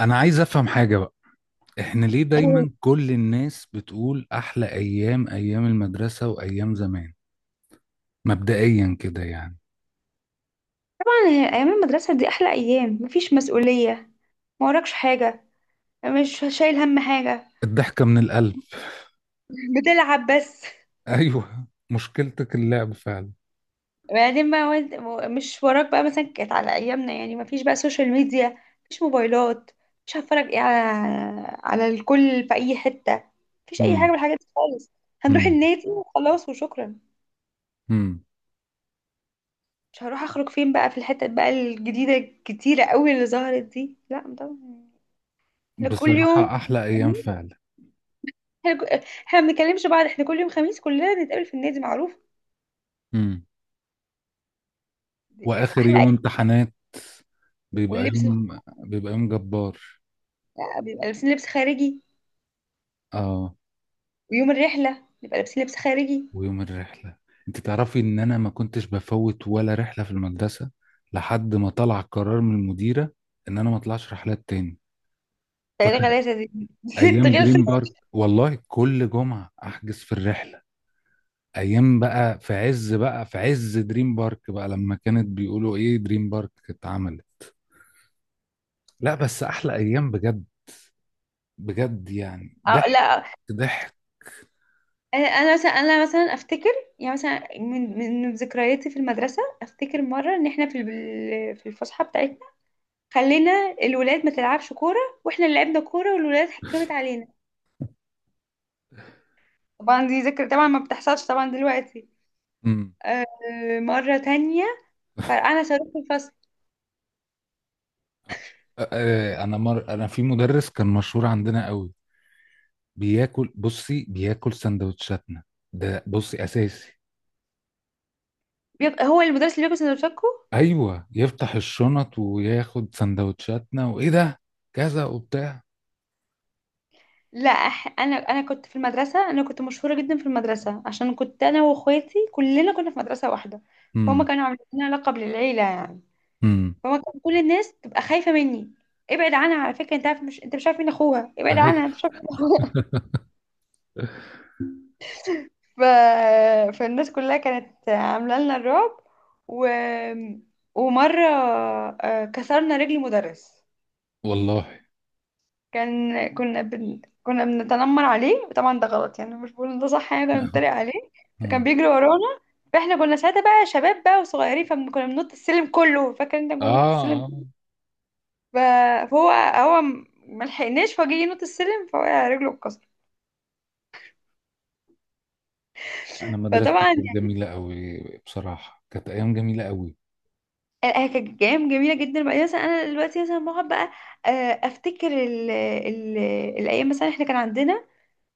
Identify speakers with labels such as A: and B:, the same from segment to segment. A: انا عايز افهم حاجة بقى. احنا ليه
B: طبعا،
A: دايما كل الناس بتقول احلى ايام، ايام المدرسة وايام زمان؟ مبدئيا كده يعني.
B: ايام المدرسه دي احلى ايام. مفيش مسؤوليه، ما وراكش حاجه، مش شايل هم حاجه.
A: الضحكة من القلب.
B: بتلعب بس.
A: ايوه، مشكلتك اللعب فعلا.
B: بعدين بقى مش وراك بقى. مثلا كانت على ايامنا، يعني مفيش بقى سوشيال ميديا، مفيش موبايلات. مش هتفرج ايه على الكل في اي حته. مفيش اي حاجه من
A: امم.
B: الحاجات دي خالص. هنروح
A: امم.
B: النادي وخلاص وشكرا.
A: امم.
B: مش هروح اخرج فين بقى في الحتت بقى الجديده الكتيره قوي اللي ظهرت دي، لا طبعا. احنا كل يوم،
A: بصراحة احلى ايام فعلا.
B: احنا ما بنتكلمش بعض، احنا كل يوم خميس كلنا نتقابل في النادي معروف.
A: امم.
B: دي كانت
A: واخر
B: احلى
A: يوم
B: ايام.
A: امتحانات بيبقى
B: واللبس الخ-
A: يوم بيبقى يوم جبار.
B: بيبقى لابسين لبس خارجي،
A: اه.
B: ويوم الرحله نبقى لابسين لبس خارجي.
A: ويوم الرحلة. انت تعرفي ان انا ما كنتش بفوت ولا رحلة في المدرسة لحد ما طلع قرار من المديرة ان انا ما اطلعش رحلات تاني.
B: تلاته
A: فاكر
B: غلاسه دي ست
A: ايام
B: غلسه.
A: دريم بارك، والله كل جمعة احجز في الرحلة. ايام بقى في عز دريم بارك بقى، لما كانت بيقولوا ايه دريم بارك اتعملت. لا، بس احلى ايام بجد. بجد يعني
B: أو
A: ضحك.
B: لا.
A: ضحك.
B: انا، أنا مثلا افتكر، يعني مثلا من ذكرياتي في المدرسه. افتكر مره ان احنا في الفسحه بتاعتنا، خلينا الولاد ما تلعبش كوره، واحنا اللي لعبنا كوره والولاد حكمت علينا. طبعا دي ذكرى طبعا ما بتحصلش طبعا دلوقتي.
A: امم.
B: آه، مرة تانية فرقعنا صاروخ في الفصل.
A: أ- أ- انا في مدرس كان مشهور عندنا قوي، بياكل بصي، بياكل سندوتشاتنا. ده بصي اساسي.
B: هو المدرس اللي بياكل سندوتشاتكو.
A: ايوه، يفتح الشنط وياخد سندوتشاتنا وايه ده كذا وبتاع.
B: لا، انا كنت في المدرسه، انا كنت مشهوره جدا في المدرسه، عشان كنت انا واخواتي كلنا كنا في مدرسه واحده. فهم
A: امم.
B: كانوا عاملين لنا لقب للعيله يعني.
A: امم.
B: فهم كان كل الناس تبقى خايفه مني، ابعد عنها، على فكره انت مش عارف مين اخوها، ابعد
A: أيوة.
B: عنها انت مش عارف مين اخوها. ف... فالناس كلها كانت عامله لنا الرعب. و... ومره، كسرنا رجل مدرس.
A: والله.
B: كنا بنتنمر عليه، وطبعا ده غلط يعني، مش بقول إن ده صح، يعني ده بنتريق عليه. فكان
A: مم.
B: بيجري ورانا، فاحنا كنا ساعتها بقى شباب بقى وصغيرين، فكنا بننط السلم كله، فاكر انت كنا بننط السلم.
A: آه. اه.
B: ف- فهو ما لحقناش، فجه ينط السلم فوقع، رجله اتكسرت.
A: انا مدرستي
B: فطبعا
A: كانت جميله قوي. بصراحه كانت ايام جميله قوي.
B: يعني هي كانت ايام جميله جدا. بعدين مثلا انا دلوقتي مثلا بقعد بقى آه، افتكر ال ال الايام، مثلا احنا كان عندنا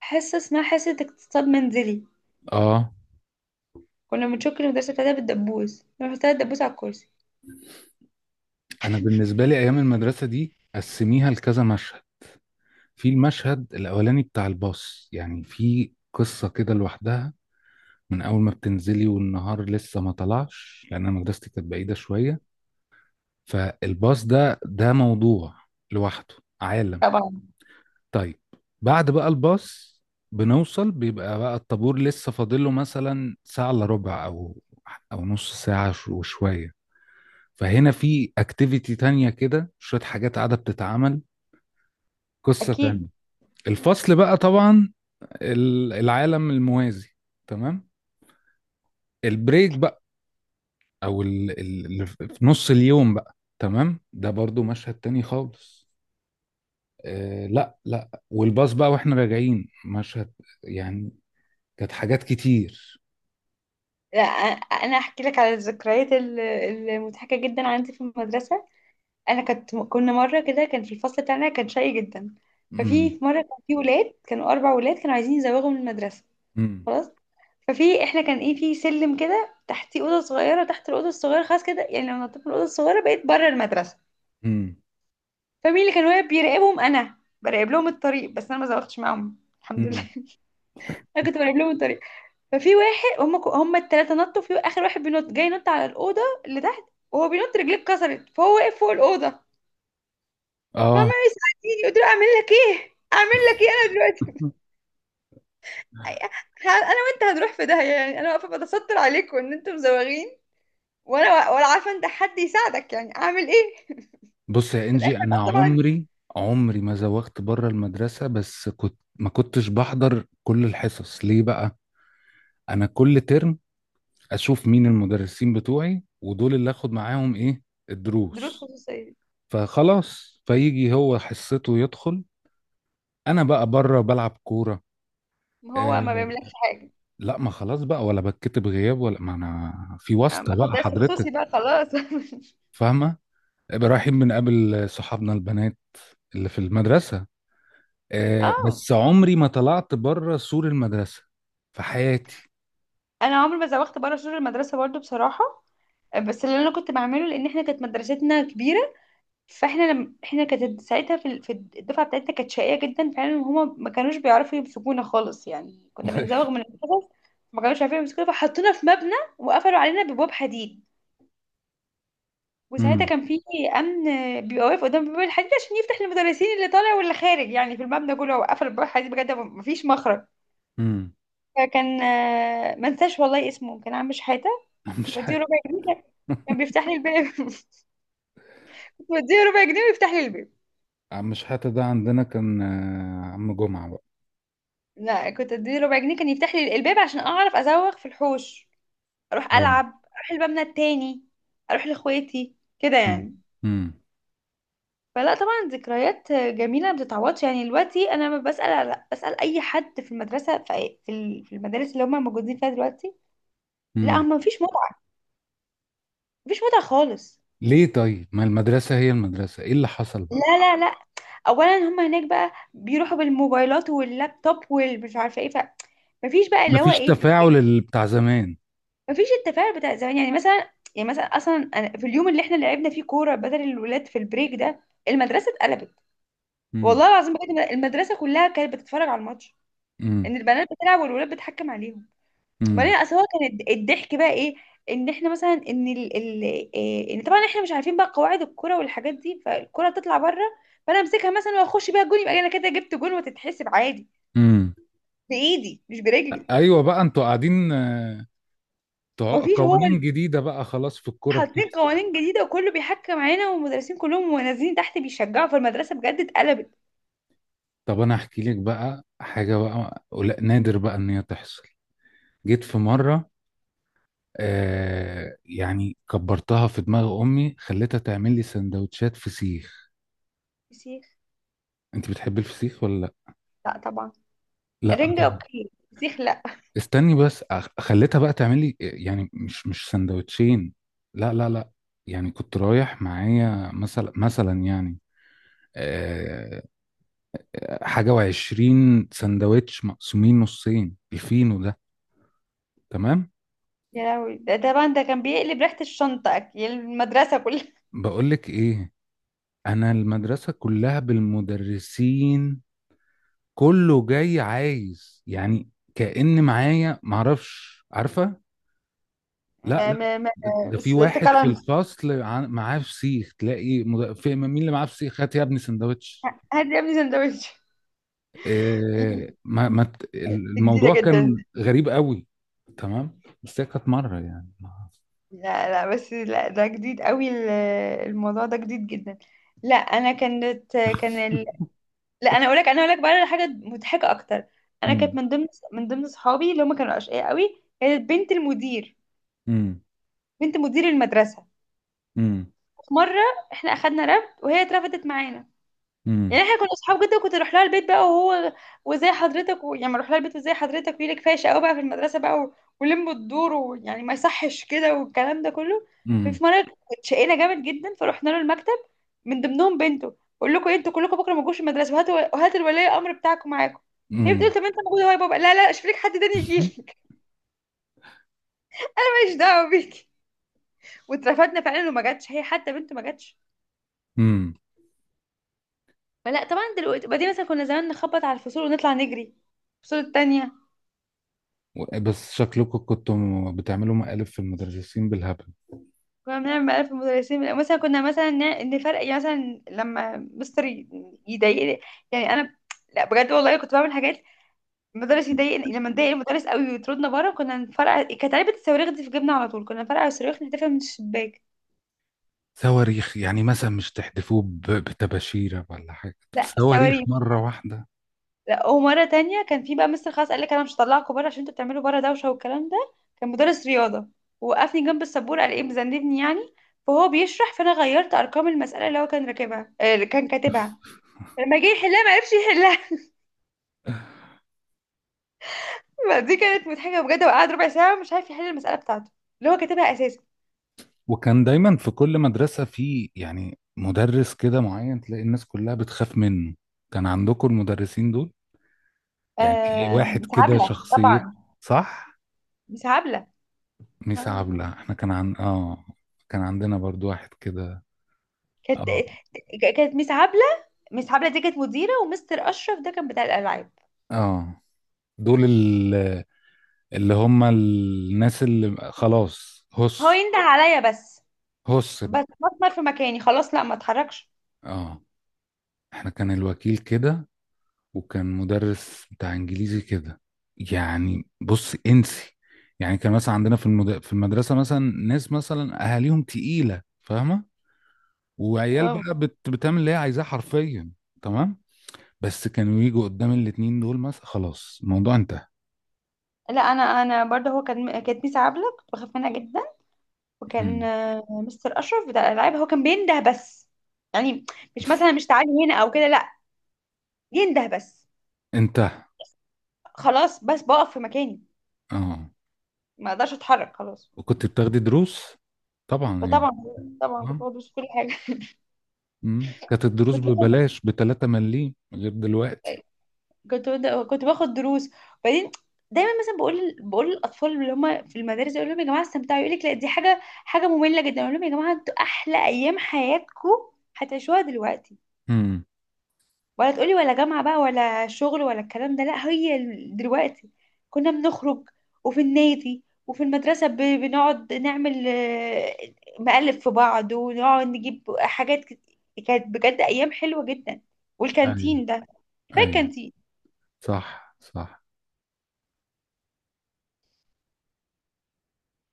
B: حصه، اسمها حصه اقتصاد منزلي.
A: اه.
B: كنا بنشك المدرسه بتاعتها بالدبوس، نروح بتاع الدبوس على الكرسي.
A: انا بالنسبه لي ايام المدرسه دي قسميها لكذا مشهد. في المشهد الاولاني بتاع الباص، يعني في قصه كده لوحدها. من اول ما بتنزلي والنهار لسه ما طلعش، لان انا مدرستي كانت بعيده شويه. فالباص ده موضوع لوحده، عالم.
B: طبعا.
A: طيب. بعد بقى الباص بنوصل، بيبقى بقى الطابور لسه فاضله مثلا ساعه الا ربع او نص ساعه وشويه. فهنا في اكتيفيتي تانية كده، شويه حاجات قاعده بتتعمل. قصه تانية.
B: اكيد.
A: الفصل بقى طبعا، العالم الموازي. تمام. البريك بقى، او اللي في نص اليوم بقى، تمام. ده برضو مشهد تاني خالص. آه لا لا، والباص بقى واحنا راجعين مشهد، يعني كانت حاجات كتير.
B: لا. انا احكي لك على الذكريات المضحكه جدا عندي في المدرسه. انا كنت كنا مره كده، كان في الفصل بتاعنا كان شقي جدا.
A: امم.
B: ففي مره، كان في ولاد كانوا اربع ولاد كانوا عايزين يزوغوا من المدرسه،
A: امم.
B: خلاص. ففي احنا، كان ايه، في سلم كده تحتيه اوضه صغيره، تحت الاوضه الصغيره خلاص كده، يعني لو نطيت من الاوضه الصغيره بقيت بره المدرسه.
A: امم.
B: فمين اللي كان واقف بيراقبهم؟ انا. براقب لهم الطريق بس، انا ما زوغتش معاهم الحمد لله.
A: امم.
B: انا كنت براقب لهم الطريق. ففي واحد، هم الثلاثه نطوا، في اخر واحد بينط جاي ينط على الاوضه اللي تحت، وهو بينط رجليه اتكسرت، فهو واقف فوق الاوضه، فعمال
A: اه.
B: يساعدني. قلت له اعمل لك ايه، اعمل لك ايه انا دلوقتي؟ انا وانت هنروح في داهيه، يعني انا واقفه بتستر عليكم ان انتم مزوغين، ولا عارفه انت حد يساعدك، يعني اعمل ايه؟
A: بص يا
B: في
A: انجي،
B: الاخر
A: انا
B: بقى طبعا.
A: عمري ما زوغت بره المدرسه، بس كنت ما كنتش بحضر كل الحصص. ليه بقى؟ انا كل ترم اشوف مين المدرسين بتوعي ودول اللي اخد معاهم ايه
B: دروس
A: الدروس.
B: خصوصيه.
A: فخلاص، فيجي هو حصته يدخل، انا بقى بره بلعب كوره.
B: ما هو ما
A: آه
B: بيعملكش حاجه.
A: لا، ما خلاص بقى ولا بتكتب غياب، ولا ما انا في
B: أنا ما
A: واسطه
B: اخد
A: بقى
B: درس
A: حضرتك.
B: خصوصي بقى خلاص.
A: فاهمه. رايحين بنقابل صحابنا البنات اللي في المدرسه. آه
B: اه.
A: بس عمري ما طلعت بره سور المدرسه في حياتي.
B: انا عمري ما زوغت بره سور المدرسه برضو بصراحه، بس اللي انا كنت بعمله، لان احنا كانت مدرستنا كبيره. فاحنا لم... احنا كانت ساعتها في الدفعه بتاعتنا كانت شقيه جدا فعلا، هما ما كانوش بيعرفوا يمسكونا خالص، يعني كنا بنزوغ من الحصص. ما كانوش عارفين يمسكونا، فحطونا في مبنى وقفلوا علينا ببواب حديد. وساعتها
A: امم.
B: كان في امن بيبقى واقف قدام باب الحديد عشان يفتح للمدرسين، اللي طالع واللي خارج يعني، في المبنى كله. وقفل باب الحديد بجد مفيش مخرج.
A: امم.
B: فكان ما انساش والله اسمه، كان عم شحاته.
A: عم
B: بديه
A: شحاته.
B: ربع جنيه، كان بيفتح لي الباب. بديه ربع جنيه ويفتح لي الباب.
A: عم شحاته ده عندنا كان عم جمعه بقى.
B: لا، كنت اديله ربع جنيه كان يفتح لي الباب، عشان اعرف ازوغ في الحوش، اروح
A: اه.
B: العب، اروح المبنى التاني، اروح لاخواتي كده
A: امم.
B: يعني.
A: امم.
B: فلا طبعا، ذكريات جميله ما بتتعوضش. يعني دلوقتي انا لما بسال اي حد في المدرسه، في أي- في ال- في المدارس اللي هم موجودين فيها دلوقتي، لا
A: أمم.
B: هم مفيش متعه، مفيش متعه خالص.
A: ليه طيب؟ ما المدرسه هي المدرسه، ايه اللي حصل بقى؟
B: لا، لا، لا. اولا هم هناك بقى بيروحوا بالموبايلات واللابتوب والمش عارفه ايه، ف مفيش بقى اللي هو
A: مفيش
B: ايه،
A: تفاعل بتاع زمان.
B: مفيش التفاعل بتاع زمان. يعني مثلا، يعني مثلا اصلا، أنا في اليوم اللي احنا لعبنا فيه كوره بدل الولاد في البريك ده، المدرسه اتقلبت،
A: امم.
B: والله العظيم بجد. المدرسه كلها كانت بتتفرج على الماتش، ان
A: امم.
B: البنات بتلعب والولاد بتحكم عليهم.
A: امم.
B: وبعدين اصل هو كان الضحك بقى ايه، ان احنا مثلا، ان ال ال إيه، ان طبعا احنا مش عارفين بقى قواعد الكوره والحاجات دي، فالكوره تطلع بره، فانا امسكها مثلا واخش بيها جون، يبقى انا كده جبت جون وتتحسب عادي،
A: امم.
B: بايدي مش برجلي.
A: ايوه بقى، انتوا قاعدين
B: مفيش، هو
A: قوانين جديده بقى، خلاص في الكوره
B: حاطين
A: بتحصل.
B: قوانين جديدة، وكله بيحكم علينا والمدرسين كلهم ونازلين تحت بيشجعوا، فالمدرسة بجد اتقلبت.
A: طب انا احكي لك بقى حاجه بقى نادر بقى ان هي تحصل. جيت في مره يعني كبرتها في دماغ امي، خليتها تعمل لي سندوتشات فسيخ.
B: فسيخ.
A: انت بتحبي الفسيخ ولا؟
B: لا طبعا.
A: لا
B: رنجة
A: لا.
B: اوكي، فسيخ لا.
A: استني بس، خليتها بقى تعمل لي يعني، مش سندوتشين. لا لا لا. يعني كنت رايح معايا مثلا يعني، آه، حاجة وعشرين سندوتش مقسومين نصين الفينو ده. تمام.
B: يا لهوي، ده كان بيقلب ريحة الشنطة، أكل المدرسة كلها.
A: بقولك ايه، انا المدرسة كلها بالمدرسين كله جاي عايز يعني، كأن معايا معرفش عارفة. لا
B: ما
A: لا.
B: ما ما
A: ده في واحد في
B: سكالانس،
A: الفصل معاه فسيخ، تلاقي في مين اللي معاه فسيخ، هات يا ابني سندوتش.
B: هات يا ابني سندوتش.
A: إيه، ما
B: دي جديدة
A: الموضوع
B: جدا.
A: كان غريب قوي. تمام، بس هي كانت مره يعني.
B: لا لا، بس لا، ده جديد قوي. الموضوع ده جديد جدا. لا. انا كانت كان لا، انا اقولك بقى على حاجه مضحكه اكتر. انا كانت
A: امم.
B: من ضمن صحابي اللي هم كانوا اشقياء قوي، كانت بنت المدير.
A: امم.
B: بنت مدير المدرسه،
A: امم.
B: في مره احنا اخدنا رفد وهي اترفدت معانا،
A: امم.
B: يعني احنا كنا اصحاب جدا، وكنت اروح لها البيت بقى، وهو وزي حضرتك، يعني اروح لها البيت وزي حضرتك، ويلي كفايه شقاوه بقى في المدرسه بقى، ولم الدور ويعني ما يصحش كده، والكلام ده كله.
A: امم.
B: ففي مره اتشقينا جامد جدا، فرحنا له المكتب، من ضمنهم بنته. بقول لكم إيه، انتوا كلكم بكره ما تجوش المدرسه، وهاتوا الولي الامر بتاعكم معاكم. هي بتقول:
A: امم.
B: طب انت موجوده اهو يا بابا. لا لا، اشوف لك حد تاني يجي لك. ماليش دعوه بيكي. واترفدنا فعلا، وما جاتش هي، حتى بنته ما جاتش.
A: امم.
B: فلا طبعا. دلوقتي بعدين مثلا، كنا زمان نخبط على الفصول ونطلع نجري الفصول التانية.
A: بس شكلكم كنتوا بتعملوا مقالب في المدرسين بالهبل.
B: كنا بنعمل مقالب في المدرسين، يعني مثلا كنا مثلا نفرق، يعني مثلا لما مستر يضايقني، يعني انا، لا بجد والله كنت بعمل حاجات. المدرس يضايقني، لما نضايق المدرس قوي ويطردنا بره، كنا نفرقع. كانت علبة الصواريخ دي في جيبنا على طول، كنا نفرقع الصواريخ نحدفها من الشباك.
A: صواريخ؟ يعني مثلا مش تحدفوه بتباشيره ولا حاجه؟
B: لا
A: صواريخ
B: الصواريخ.
A: مره واحده.
B: لا، ومرة تانية كان في بقى مستر، خلاص قال لك انا مش هطلعكم بره عشان انتوا بتعملوا بره دوشة والكلام ده. كان مدرس رياضة. وقفني جنب السبورة، قال ايه مذنبني يعني، فهو بيشرح فانا غيرت ارقام المسألة اللي هو كان راكبها، اللي كان كاتبها. لما جه يحلها ما عرفش يحلها، فدي كانت مضحكه بجد، وقعد ربع ساعه مش عارف يحل المساله بتاعته، اللي هو كاتبها اساسا.
A: وكان دايما في كل مدرسة في يعني مدرس كده معين تلاقي الناس كلها بتخاف منه. كان عندكم المدرسين دول؟ يعني تلاقي
B: آه،
A: واحد
B: مس
A: كده
B: عبله
A: شخصية.
B: طبعا.
A: صح.
B: مس عبله.
A: ميس
B: اه.
A: عبلة احنا كان عن اه كان عندنا برضو واحد كده.
B: كانت
A: اه.
B: كانت مس عبله. مس عبله دي كانت مديره، ومستر اشرف ده كان بتاع الالعاب.
A: اه. دول اللي هم الناس اللي خلاص
B: هو
A: هس.
B: ينده عليا بس،
A: هس
B: بس
A: بقى.
B: بتمر في مكاني خلاص، لا ما اتحركش.
A: اه. احنا كان الوكيل كده، وكان مدرس بتاع انجليزي كده، يعني بص انسي. يعني كان مثلا عندنا في المدرسه مثلا ناس مثلا اهاليهم تقيله، فاهمه؟ وعيال
B: آه.
A: بقى بتعمل اللي هي عايزاه حرفيا. تمام. بس كانوا يجوا قدام الاتنين دول مثلا، خلاص الموضوع انتهى.
B: لا، انا برضه، هو كان كانت ميس عبله، كنت بخاف منها جدا. وكان
A: مم.
B: مستر اشرف بتاع الالعاب، هو كان بينده بس، يعني مش مثلا مش تعالي هنا او كده، لا، ينده بس.
A: انتهى.
B: خلاص بس بقف في مكاني،
A: اه.
B: ما اقدرش اتحرك خلاص.
A: وكنت بتاخدي دروس؟ طبعا يعني.
B: فطبعا، كنت
A: طبعا.
B: باخد دروس في كل حاجه.
A: مم. كانت الدروس
B: كنت باخد
A: ببلاش ب 3 مليم غير دلوقتي.
B: كنت باخد دروس. وبعدين دايما مثلا بقول للاطفال اللي هم في المدارس، اقول لهم يا جماعه استمتعوا، يقول لك لا دي حاجه ممله جدا، اقول لهم يا جماعه انتوا احلى ايام حياتكم هتعيشوها دلوقتي.
A: امم.
B: ولا تقولي ولا جامعة بقى ولا شغل ولا الكلام ده، لا هي دلوقتي. كنا بنخرج وفي النادي وفي المدرسة بنقعد نعمل مقلب في بعض، ونقعد نجيب حاجات كانت بجد أيام حلوة جدا.
A: ايوه
B: والكانتين ده، كفاية
A: ايوه.
B: الكانتين.
A: صح صح.